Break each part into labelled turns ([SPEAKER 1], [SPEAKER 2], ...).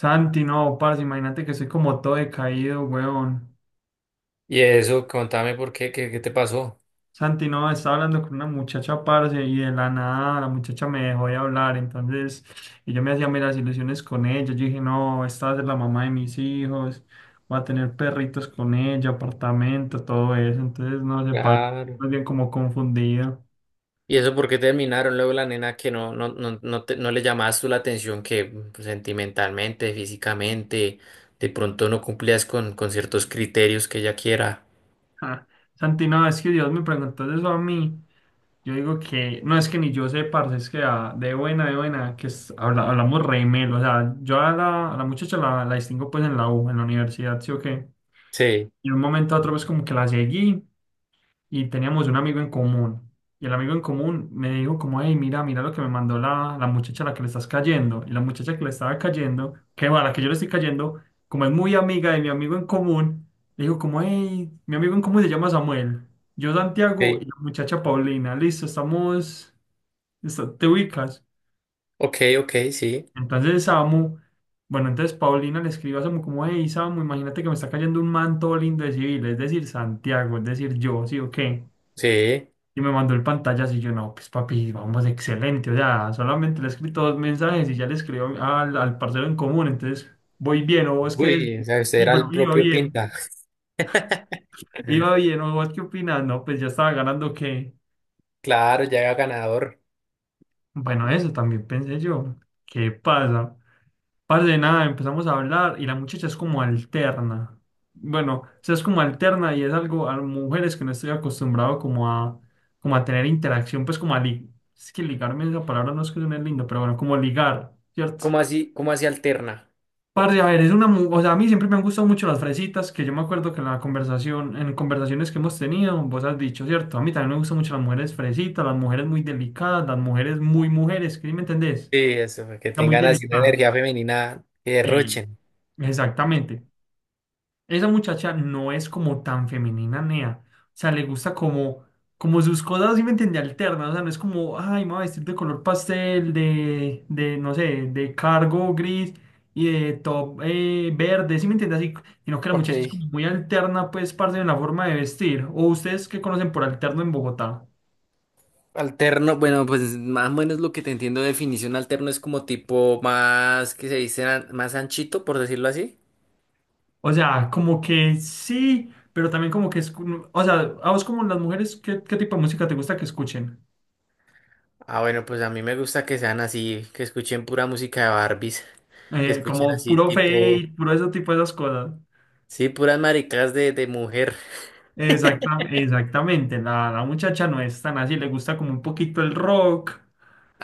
[SPEAKER 1] Santi, no, parce, imagínate que soy como todo decaído, weón.
[SPEAKER 2] Y eso, contame por qué, qué te pasó.
[SPEAKER 1] Santi, no, estaba hablando con una muchacha, parce, y de la nada la muchacha me dejó de hablar, entonces, y yo me hacía meras ilusiones con ella, yo dije, no, esta va a ser la mamá de mis hijos, voy a tener perritos con ella, apartamento, todo eso, entonces, no sé, parce,
[SPEAKER 2] Claro.
[SPEAKER 1] más bien como confundido.
[SPEAKER 2] Y eso, por qué terminaron luego la nena que no le llamabas tú la atención, que pues, sentimentalmente, físicamente, de pronto no cumplías con ciertos criterios que ella quiera.
[SPEAKER 1] Ja. Santi, no, es que Dios me preguntó eso a mí. Yo digo que, no es que ni yo sé, parce, es que de buena, hablamos re melo, o sea, yo a la muchacha la distingo pues en la U, en la universidad, sí o qué,
[SPEAKER 2] Sí,
[SPEAKER 1] y de un momento a otro pues como que la seguí y teníamos un amigo en común, y el amigo en común me dijo como, hey, mira, mira lo que me mandó la muchacha a la que le estás cayendo, y la muchacha que le estaba cayendo, que bueno, a la que yo le estoy cayendo, como es muy amiga de mi amigo en común, le dijo como, hey, mi amigo en común se llama Samuel, yo Santiago
[SPEAKER 2] sí.
[SPEAKER 1] y la muchacha Paulina, listo, estamos... te ubicas.
[SPEAKER 2] Ok, ok, sí,
[SPEAKER 1] Entonces Samu, bueno, entonces Paulina le escribe a Samu como, hey Samu, imagínate que me está cayendo un manto lindo de civil, es decir, Santiago, es decir, yo, sí o qué.
[SPEAKER 2] sí.
[SPEAKER 1] Y me mandó el pantallazo y yo, no, pues papi, vamos, excelente. O sea, solamente le he escrito dos mensajes y ya le escribo al parcero en común, entonces voy bien, o vos qué
[SPEAKER 2] Uy, o
[SPEAKER 1] decís.
[SPEAKER 2] sea, usted
[SPEAKER 1] Y
[SPEAKER 2] era
[SPEAKER 1] bueno,
[SPEAKER 2] el propio Pinta.
[SPEAKER 1] iba bien, o vos qué opinas, no, pues ya estaba ganando que,
[SPEAKER 2] Claro, ya era ganador.
[SPEAKER 1] bueno, eso también pensé yo, ¿qué pasa? Parce, de nada, empezamos a hablar y la muchacha es como alterna. Bueno, o sea, es como alterna y es algo a mujeres que no estoy acostumbrado como a tener interacción, es que ligarme esa palabra no es que suene lindo, pero bueno, como ligar, ¿cierto?
[SPEAKER 2] Cómo así alterna?
[SPEAKER 1] Parce, a ver, o sea, a mí siempre me han gustado mucho las fresitas, que yo me acuerdo que en la conversación, en conversaciones que hemos tenido, vos has dicho, ¿cierto? A mí también me gustan mucho las mujeres fresitas, las mujeres muy delicadas, las mujeres muy mujeres, ¿sí me entendés?
[SPEAKER 2] Sí, eso, que
[SPEAKER 1] La muy
[SPEAKER 2] tengan así una
[SPEAKER 1] delicada.
[SPEAKER 2] energía femenina que
[SPEAKER 1] Ey.
[SPEAKER 2] derrochen.
[SPEAKER 1] Exactamente. Esa muchacha no es como tan femenina, Nea. O sea, le gusta como sus cosas, ¿sí me entiende? Alternas. O sea, no es como, ay, me voy a vestir de color pastel, de no sé, de cargo gris y de top verde, ¿sí me entiende? Así, sino que la muchacha es
[SPEAKER 2] Ok.
[SPEAKER 1] como muy alterna, pues, parte en la forma de vestir. O ustedes que conocen por alterno en Bogotá.
[SPEAKER 2] Alterno, bueno, pues más o menos lo que te entiendo de definición alterno es como tipo más, que se dice, más anchito, por decirlo así.
[SPEAKER 1] O sea, como que sí, pero también como que es. O sea, a vos como las mujeres, ¿qué tipo de música te gusta que escuchen?
[SPEAKER 2] Ah, bueno, pues a mí me gusta que sean así, que escuchen pura música de Barbies, que escuchen
[SPEAKER 1] Como
[SPEAKER 2] así
[SPEAKER 1] puro
[SPEAKER 2] tipo,
[SPEAKER 1] fake, puro ese tipo de esas cosas.
[SPEAKER 2] sí, puras maricas de mujer.
[SPEAKER 1] Exactamente, la muchacha no es tan así, le gusta como un poquito el rock,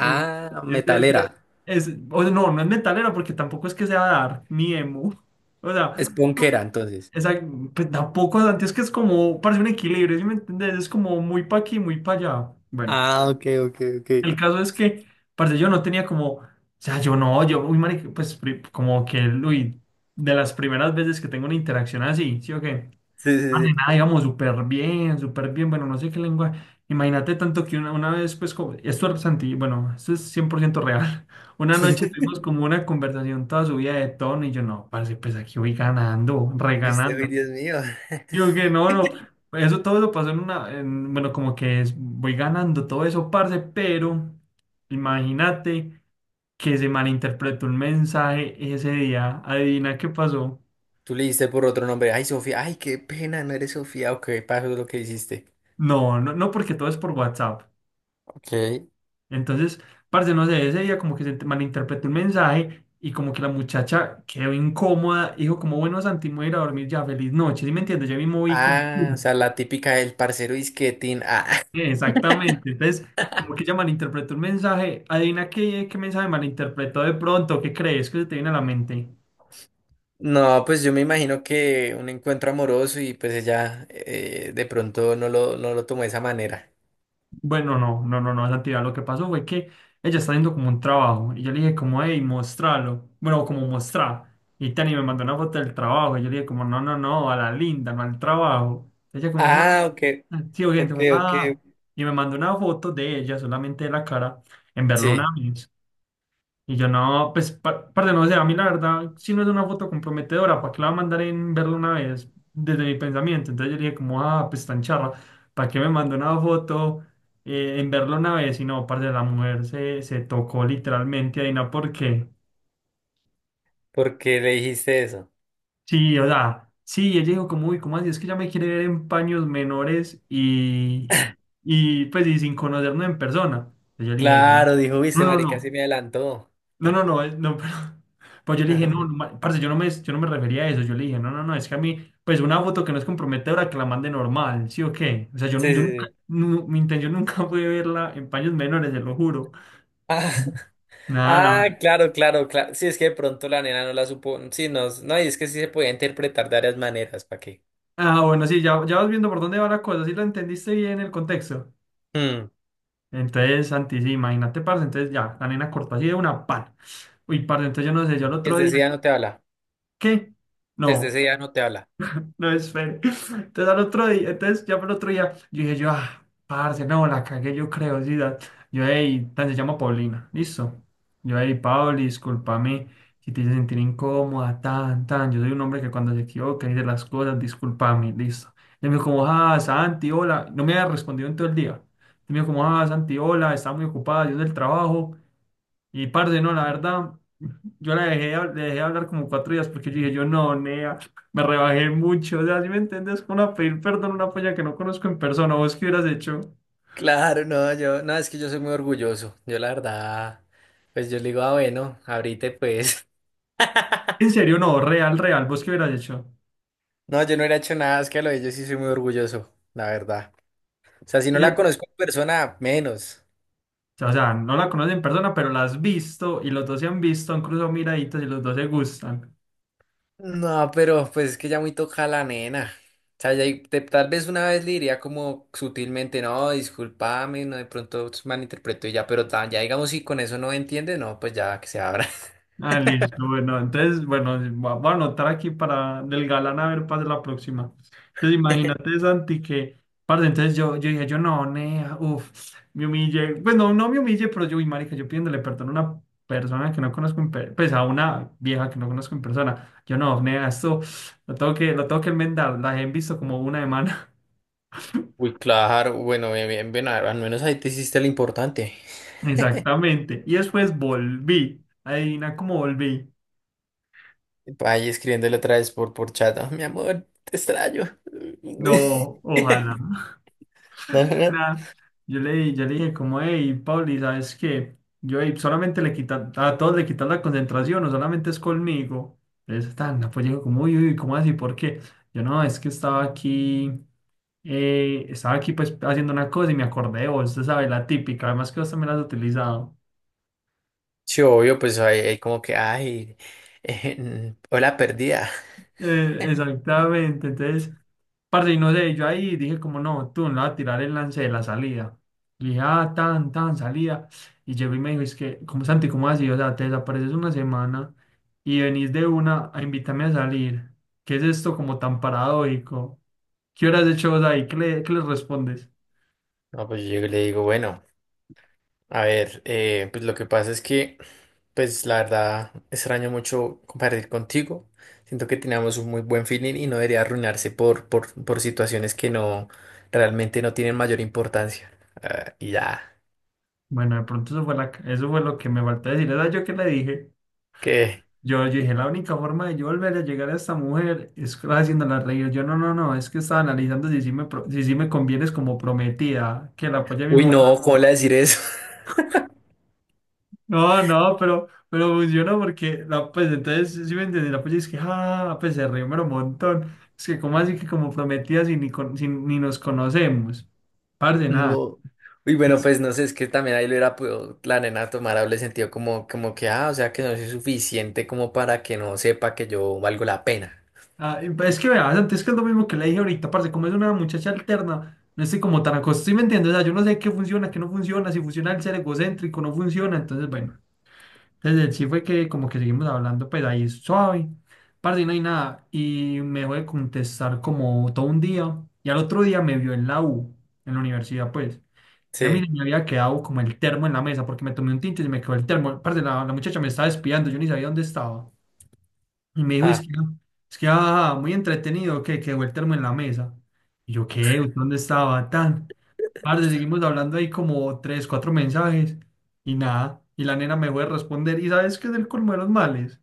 [SPEAKER 1] le gu-
[SPEAKER 2] Ah,
[SPEAKER 1] es,
[SPEAKER 2] metalera,
[SPEAKER 1] de- es- o sea, no es metalero porque tampoco es que sea dark ni emo, o
[SPEAKER 2] es
[SPEAKER 1] sea,
[SPEAKER 2] punkera entonces.
[SPEAKER 1] esa, pues tampoco, antes es que es como, parece un equilibrio, ¿sí me entendés? Es como muy pa' aquí, muy pa' allá. Bueno,
[SPEAKER 2] Ah, ok, ok, ok.
[SPEAKER 1] el caso es que, parce, yo no tenía como, o sea, yo no, yo, uy, marica, como que, uy, de las primeras veces que tengo una interacción así, ¿sí o qué?
[SPEAKER 2] Sí, sí,
[SPEAKER 1] Vale,
[SPEAKER 2] sí.
[SPEAKER 1] nada, íbamos súper bien, bueno, no sé qué lengua. Imagínate tanto que una vez, pues, como, bueno, esto es 100% real. Una noche tuvimos como una conversación toda subida de tono y yo, no, parce, pues aquí voy ganando,
[SPEAKER 2] Y usted, uy,
[SPEAKER 1] reganando.
[SPEAKER 2] Dios mío.
[SPEAKER 1] Yo que no, no, eso todo eso pasó en bueno, voy ganando todo eso, parce, pero imagínate que se malinterpretó un mensaje ese día. Adivina qué pasó.
[SPEAKER 2] Tú le diste por otro nombre. Ay, Sofía. Ay, qué pena, no eres Sofía. Ok, pasó lo que hiciste.
[SPEAKER 1] No, no, no, porque todo es por WhatsApp.
[SPEAKER 2] Ok.
[SPEAKER 1] Entonces, parce, no sé, ese día como que malinterpretó el mensaje y como que la muchacha quedó incómoda, dijo como, bueno, Santi, me voy a ir a dormir ya, feliz noche, ¿sí me entiendes? Yo me moví como,
[SPEAKER 2] Ah,
[SPEAKER 1] "Mm".
[SPEAKER 2] o sea, la típica del parcero disquetín. Ah,
[SPEAKER 1] Exactamente, entonces como que ella malinterpretó el mensaje, adivina qué, qué mensaje malinterpretó de pronto, ¿qué crees que se te viene a la mente?
[SPEAKER 2] no, pues yo me imagino que un encuentro amoroso y pues ella de pronto no lo tomó de esa manera.
[SPEAKER 1] Bueno, no, no, no, no, Santiago. Lo que pasó fue que ella está haciendo como un trabajo y yo le dije como, hey, mostralo. Bueno, como mostrar. Y Tani me mandó una foto del trabajo y yo le dije como, no, no, no, a la linda, no al trabajo. Ella como, ah,
[SPEAKER 2] Ah, ok,
[SPEAKER 1] sí, oye,
[SPEAKER 2] ok,
[SPEAKER 1] como,
[SPEAKER 2] ok.
[SPEAKER 1] ah. Y me mandó una foto de ella, solamente de la cara, en Berlín,
[SPEAKER 2] Sí,
[SPEAKER 1] y yo no, pues, parce, no, o a mí la verdad, si no es una foto comprometedora, ¿para qué la va a mandar en verla una vez? Desde mi pensamiento. Entonces yo dije como, ah, pues tan charra, ¿para qué me mandó una foto en verla una vez? Y no, parce, la mujer se tocó literalmente ahí, no, porque,
[SPEAKER 2] ¿porque le dijiste eso?
[SPEAKER 1] sí, o sea, sí, ella dijo como, uy, ¿cómo así? Es que ya me quiere ver en paños menores y pues, y sin conocernos en persona. Entonces yo dije, yo no,
[SPEAKER 2] Claro, dijo,
[SPEAKER 1] no,
[SPEAKER 2] viste,
[SPEAKER 1] no.
[SPEAKER 2] marica, sí
[SPEAKER 1] No.
[SPEAKER 2] me adelantó.
[SPEAKER 1] No, no, no, no, pero pues yo le dije, no, no, parce, yo no me refería a eso, yo le dije, no, no, no, es que a mí, pues una foto que no es comprometedora, que la mande normal, ¿sí o qué? O sea, yo,
[SPEAKER 2] Sí,
[SPEAKER 1] yo
[SPEAKER 2] sí,
[SPEAKER 1] nunca,
[SPEAKER 2] sí.
[SPEAKER 1] mi intención nunca fue verla en paños menores, se lo juro.
[SPEAKER 2] Ah,
[SPEAKER 1] Nada,
[SPEAKER 2] ah, claro, claro, claro. Sí, es que de pronto la nena no la supo. Sí, no, no, y es que sí se podía interpretar de varias maneras, ¿para qué?
[SPEAKER 1] bueno, sí, ya vas viendo por dónde va la cosa, sí lo entendiste bien el contexto.
[SPEAKER 2] Mm.
[SPEAKER 1] Entonces, Santi, sí, imagínate, parce, entonces ya, la nena cortó así de una pan. Uy, parce, entonces yo no sé, yo el otro
[SPEAKER 2] Desde
[SPEAKER 1] día,
[SPEAKER 2] ese día no te habla.
[SPEAKER 1] ¿qué?
[SPEAKER 2] Desde
[SPEAKER 1] No.
[SPEAKER 2] ese día no te habla.
[SPEAKER 1] No, espere. Entonces al otro día, entonces ya por el otro día, yo dije yo, ah, parce, no, la cagué, yo creo, yo, hey, se llama Paulina, listo. Yo, hey, Pauli, discúlpame si te hice sentir incómoda, tan, tan. Yo soy un hombre que cuando se equivoca dice las cosas, discúlpame, listo. Y me dijo como, ah, Santi, hola. No me había respondido en todo el día. Y me dijo como, ah, Santi, hola, estaba muy ocupada, yo del trabajo. Y parce, no, la verdad, yo la dejé, le dejé hablar como 4 días porque yo dije, yo no, nea, me rebajé mucho. O sea, ¿si me entiendes? ¿Como a pedir perdón a una polla que no conozco en persona? ¿Vos qué hubieras hecho?
[SPEAKER 2] Claro, no, yo, no, es que yo soy muy orgulloso. Yo la verdad, pues yo le digo, ah, bueno, ahorita pues.
[SPEAKER 1] En serio, no, real, real, ¿vos qué hubieras hecho?
[SPEAKER 2] No, yo no hubiera hecho nada, es que a lo de ellos sí soy muy orgulloso, la verdad. O sea, si no
[SPEAKER 1] Y
[SPEAKER 2] la
[SPEAKER 1] ya-
[SPEAKER 2] conozco en persona, menos.
[SPEAKER 1] o sea, no la conoces en persona, pero la has visto y los dos se han visto, han cruzado miraditas y los dos se gustan.
[SPEAKER 2] No, pero pues es que ya muy toca la nena. O sea, ya tal vez una vez le diría como sutilmente, no, discúlpame, no, de pronto malinterpreto y ya, pero tan, ya digamos si con eso no entiende, no, pues ya que se abra.
[SPEAKER 1] Ah, listo. Bueno, entonces, bueno, voy a anotar aquí para del galán a ver para la próxima. Entonces, imagínate, Santi, que, parce, entonces yo dije, yo no, nea, uff, me humillé. Pues no, no me humillé, pero yo, uy, marica, yo pidiéndole perdón a una persona que no conozco en persona, pues a una vieja que no conozco en persona. Yo no, nea, esto lo tengo que enmendar. La he visto como una semana.
[SPEAKER 2] Uy, claro, bueno, bien, bien, bien, al menos ahí te hiciste lo importante.
[SPEAKER 1] Exactamente. Y después volví. Adivina cómo volví.
[SPEAKER 2] Ahí escribiéndole otra vez por chat. "Ah, mi amor, te extraño.
[SPEAKER 1] No, ojalá.
[SPEAKER 2] No, no, no.
[SPEAKER 1] Nah, yo le dije como, hey, Pauli, ¿sabes qué? Yo, "Ey, solamente le quita, a todos le quitas la concentración, o solamente es conmigo". Entonces, tan, no, pues digo como, uy, uy, ¿cómo así? ¿Por qué? Yo, no, es que estaba aquí pues haciendo una cosa y me acordé de vos, usted sabe, la típica, además que vos también la has utilizado.
[SPEAKER 2] Sí, obvio, pues hay como que, ay, hola perdida.
[SPEAKER 1] Exactamente, entonces, parce, y no sé, yo ahí dije como no, tú no vas a tirar el lance de la salida. Y dije, ah, tan, tan, salida. Y llegó y me dijo, es que, como Santi, ¿cómo así? O sea, te desapareces una semana y venís de una a invitarme a salir. ¿Qué es esto como tan paradójico? ¿Qué horas de hecho vos ahí? ¿Qué le respondes?
[SPEAKER 2] No, pues yo le digo, bueno, a ver, pues lo que pasa es que, pues la verdad, extraño mucho compartir contigo. Siento que teníamos un muy buen feeling y no debería arruinarse por situaciones que realmente no tienen mayor importancia. Ah, y ya,
[SPEAKER 1] Bueno, de pronto eso fue, la, eso fue lo que me faltó decir. ¿Sabes yo qué le dije?
[SPEAKER 2] que,
[SPEAKER 1] Yo dije, la única forma de yo volver a llegar a esta mujer es haciéndola reír. Yo, no, no, no, es que estaba analizando si sí me, si sí me convienes como prometida, que la apoye a mi
[SPEAKER 2] uy,
[SPEAKER 1] mujer.
[SPEAKER 2] no, ¿cómo le voy a decir eso?
[SPEAKER 1] No, no, pero funcionó porque, la, pues, entonces, sí me entendí, la apoya es que, ah, pues, se rió, pero un montón. Es que, ¿cómo así que como prometida si ni, si ni nos conocemos? Parce, nada.
[SPEAKER 2] No. Uy, bueno, pues no sé, es que también ahí lo era podido la nena tomar doble sentido como, como que, ah, o sea que no soy suficiente como para que no sepa que yo valgo la pena.
[SPEAKER 1] Ah, y pues es que verás, antes que es lo mismo que le dije ahorita, parce, como es una muchacha alterna, no estoy como tan acostumbrado, ¿sí me entiendes? O sea, yo no sé qué funciona, qué no funciona, si funciona el ser egocéntrico, no funciona, entonces bueno, desde el sí fue que como que seguimos hablando, pues ahí suave, parce, y no hay nada, y me dejó de contestar como todo un día, y al otro día me vio en la U, en la universidad, pues, y a mí
[SPEAKER 2] Sí.
[SPEAKER 1] me había quedado como el termo en la mesa, porque me tomé un tinto y se me quedó el termo, parce, la muchacha me estaba espiando, yo ni sabía dónde estaba. Y me dijo, es
[SPEAKER 2] Ah,
[SPEAKER 1] que, es que muy entretenido, que quedó el termo en la mesa. Y yo, ¿qué? ¿Usted dónde estaba? Tan. Parce, seguimos hablando ahí como tres, cuatro mensajes y nada. Y la nena me fue a responder. ¿Y sabes qué es el colmo de los males?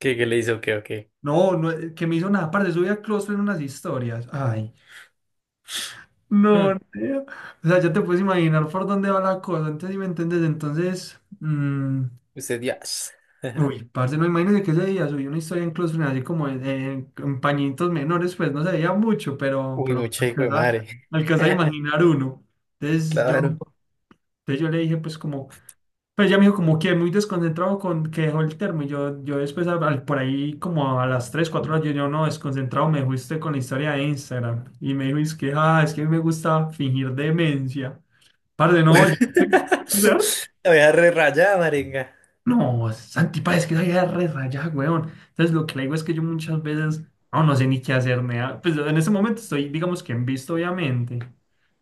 [SPEAKER 2] ¿qué, qué le hizo? ¿Qué, o qué?
[SPEAKER 1] No, no, que me hizo nada. Parce, subí a Clostro en unas historias. Ay, no,
[SPEAKER 2] Mm.
[SPEAKER 1] nea. O sea, ya te puedes imaginar por dónde va la cosa. Entonces, si me entiendes, entonces, mm,
[SPEAKER 2] Usted ya.
[SPEAKER 1] uy, parce, no, imagínese que ese día subí una historia en Close Friends, así como en, en pañitos menores, pues no se veía mucho, pero,
[SPEAKER 2] Uy, mucha hijo de madre.
[SPEAKER 1] alcanza a imaginar uno. Entonces yo,
[SPEAKER 2] Claro.
[SPEAKER 1] entonces yo le dije, pues como, pues ya me dijo, como que muy desconcentrado con que dejó el termo. Y yo después, por ahí, como a las 3 4 horas, yo, yo no, desconcentrado, me fuiste con la historia de Instagram. Y me dijo, es que, es que a mí me gusta fingir demencia. Parce, no, yo.
[SPEAKER 2] La voy a re rayada, maringa.
[SPEAKER 1] No, Santi, pa, es que esa idea es re rayada, weón. Entonces, lo que le digo es que yo muchas veces no sé ni qué hacerme. Pues en ese momento estoy, digamos que en visto, obviamente.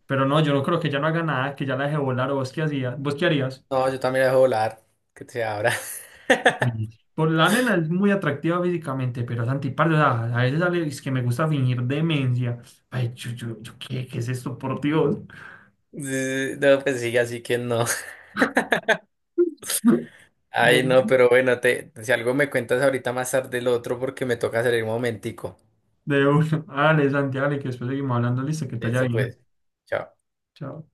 [SPEAKER 1] Pero no, yo no creo que ya no haga nada, que ya la deje volar. ¿O vos qué hacías? ¿Vos qué harías?
[SPEAKER 2] No, yo también la dejo volar. Que te abra.
[SPEAKER 1] Mm. Por la nena es muy atractiva físicamente, pero Santi, parce, o sea, a veces sale, es que me gusta fingir demencia. Ay, yo, ¿qué es esto, por Dios?
[SPEAKER 2] Sí, sí. No, pues sigue así que no.
[SPEAKER 1] De,
[SPEAKER 2] Ay, no, pero bueno, te, si algo me cuentas ahorita más tarde el otro porque me toca salir un momentico.
[SPEAKER 1] de uno. Dale, Santi, dale, que después seguimos hablando. Listo, que te vaya
[SPEAKER 2] Listo,
[SPEAKER 1] bien.
[SPEAKER 2] pues. Chao.
[SPEAKER 1] Chao.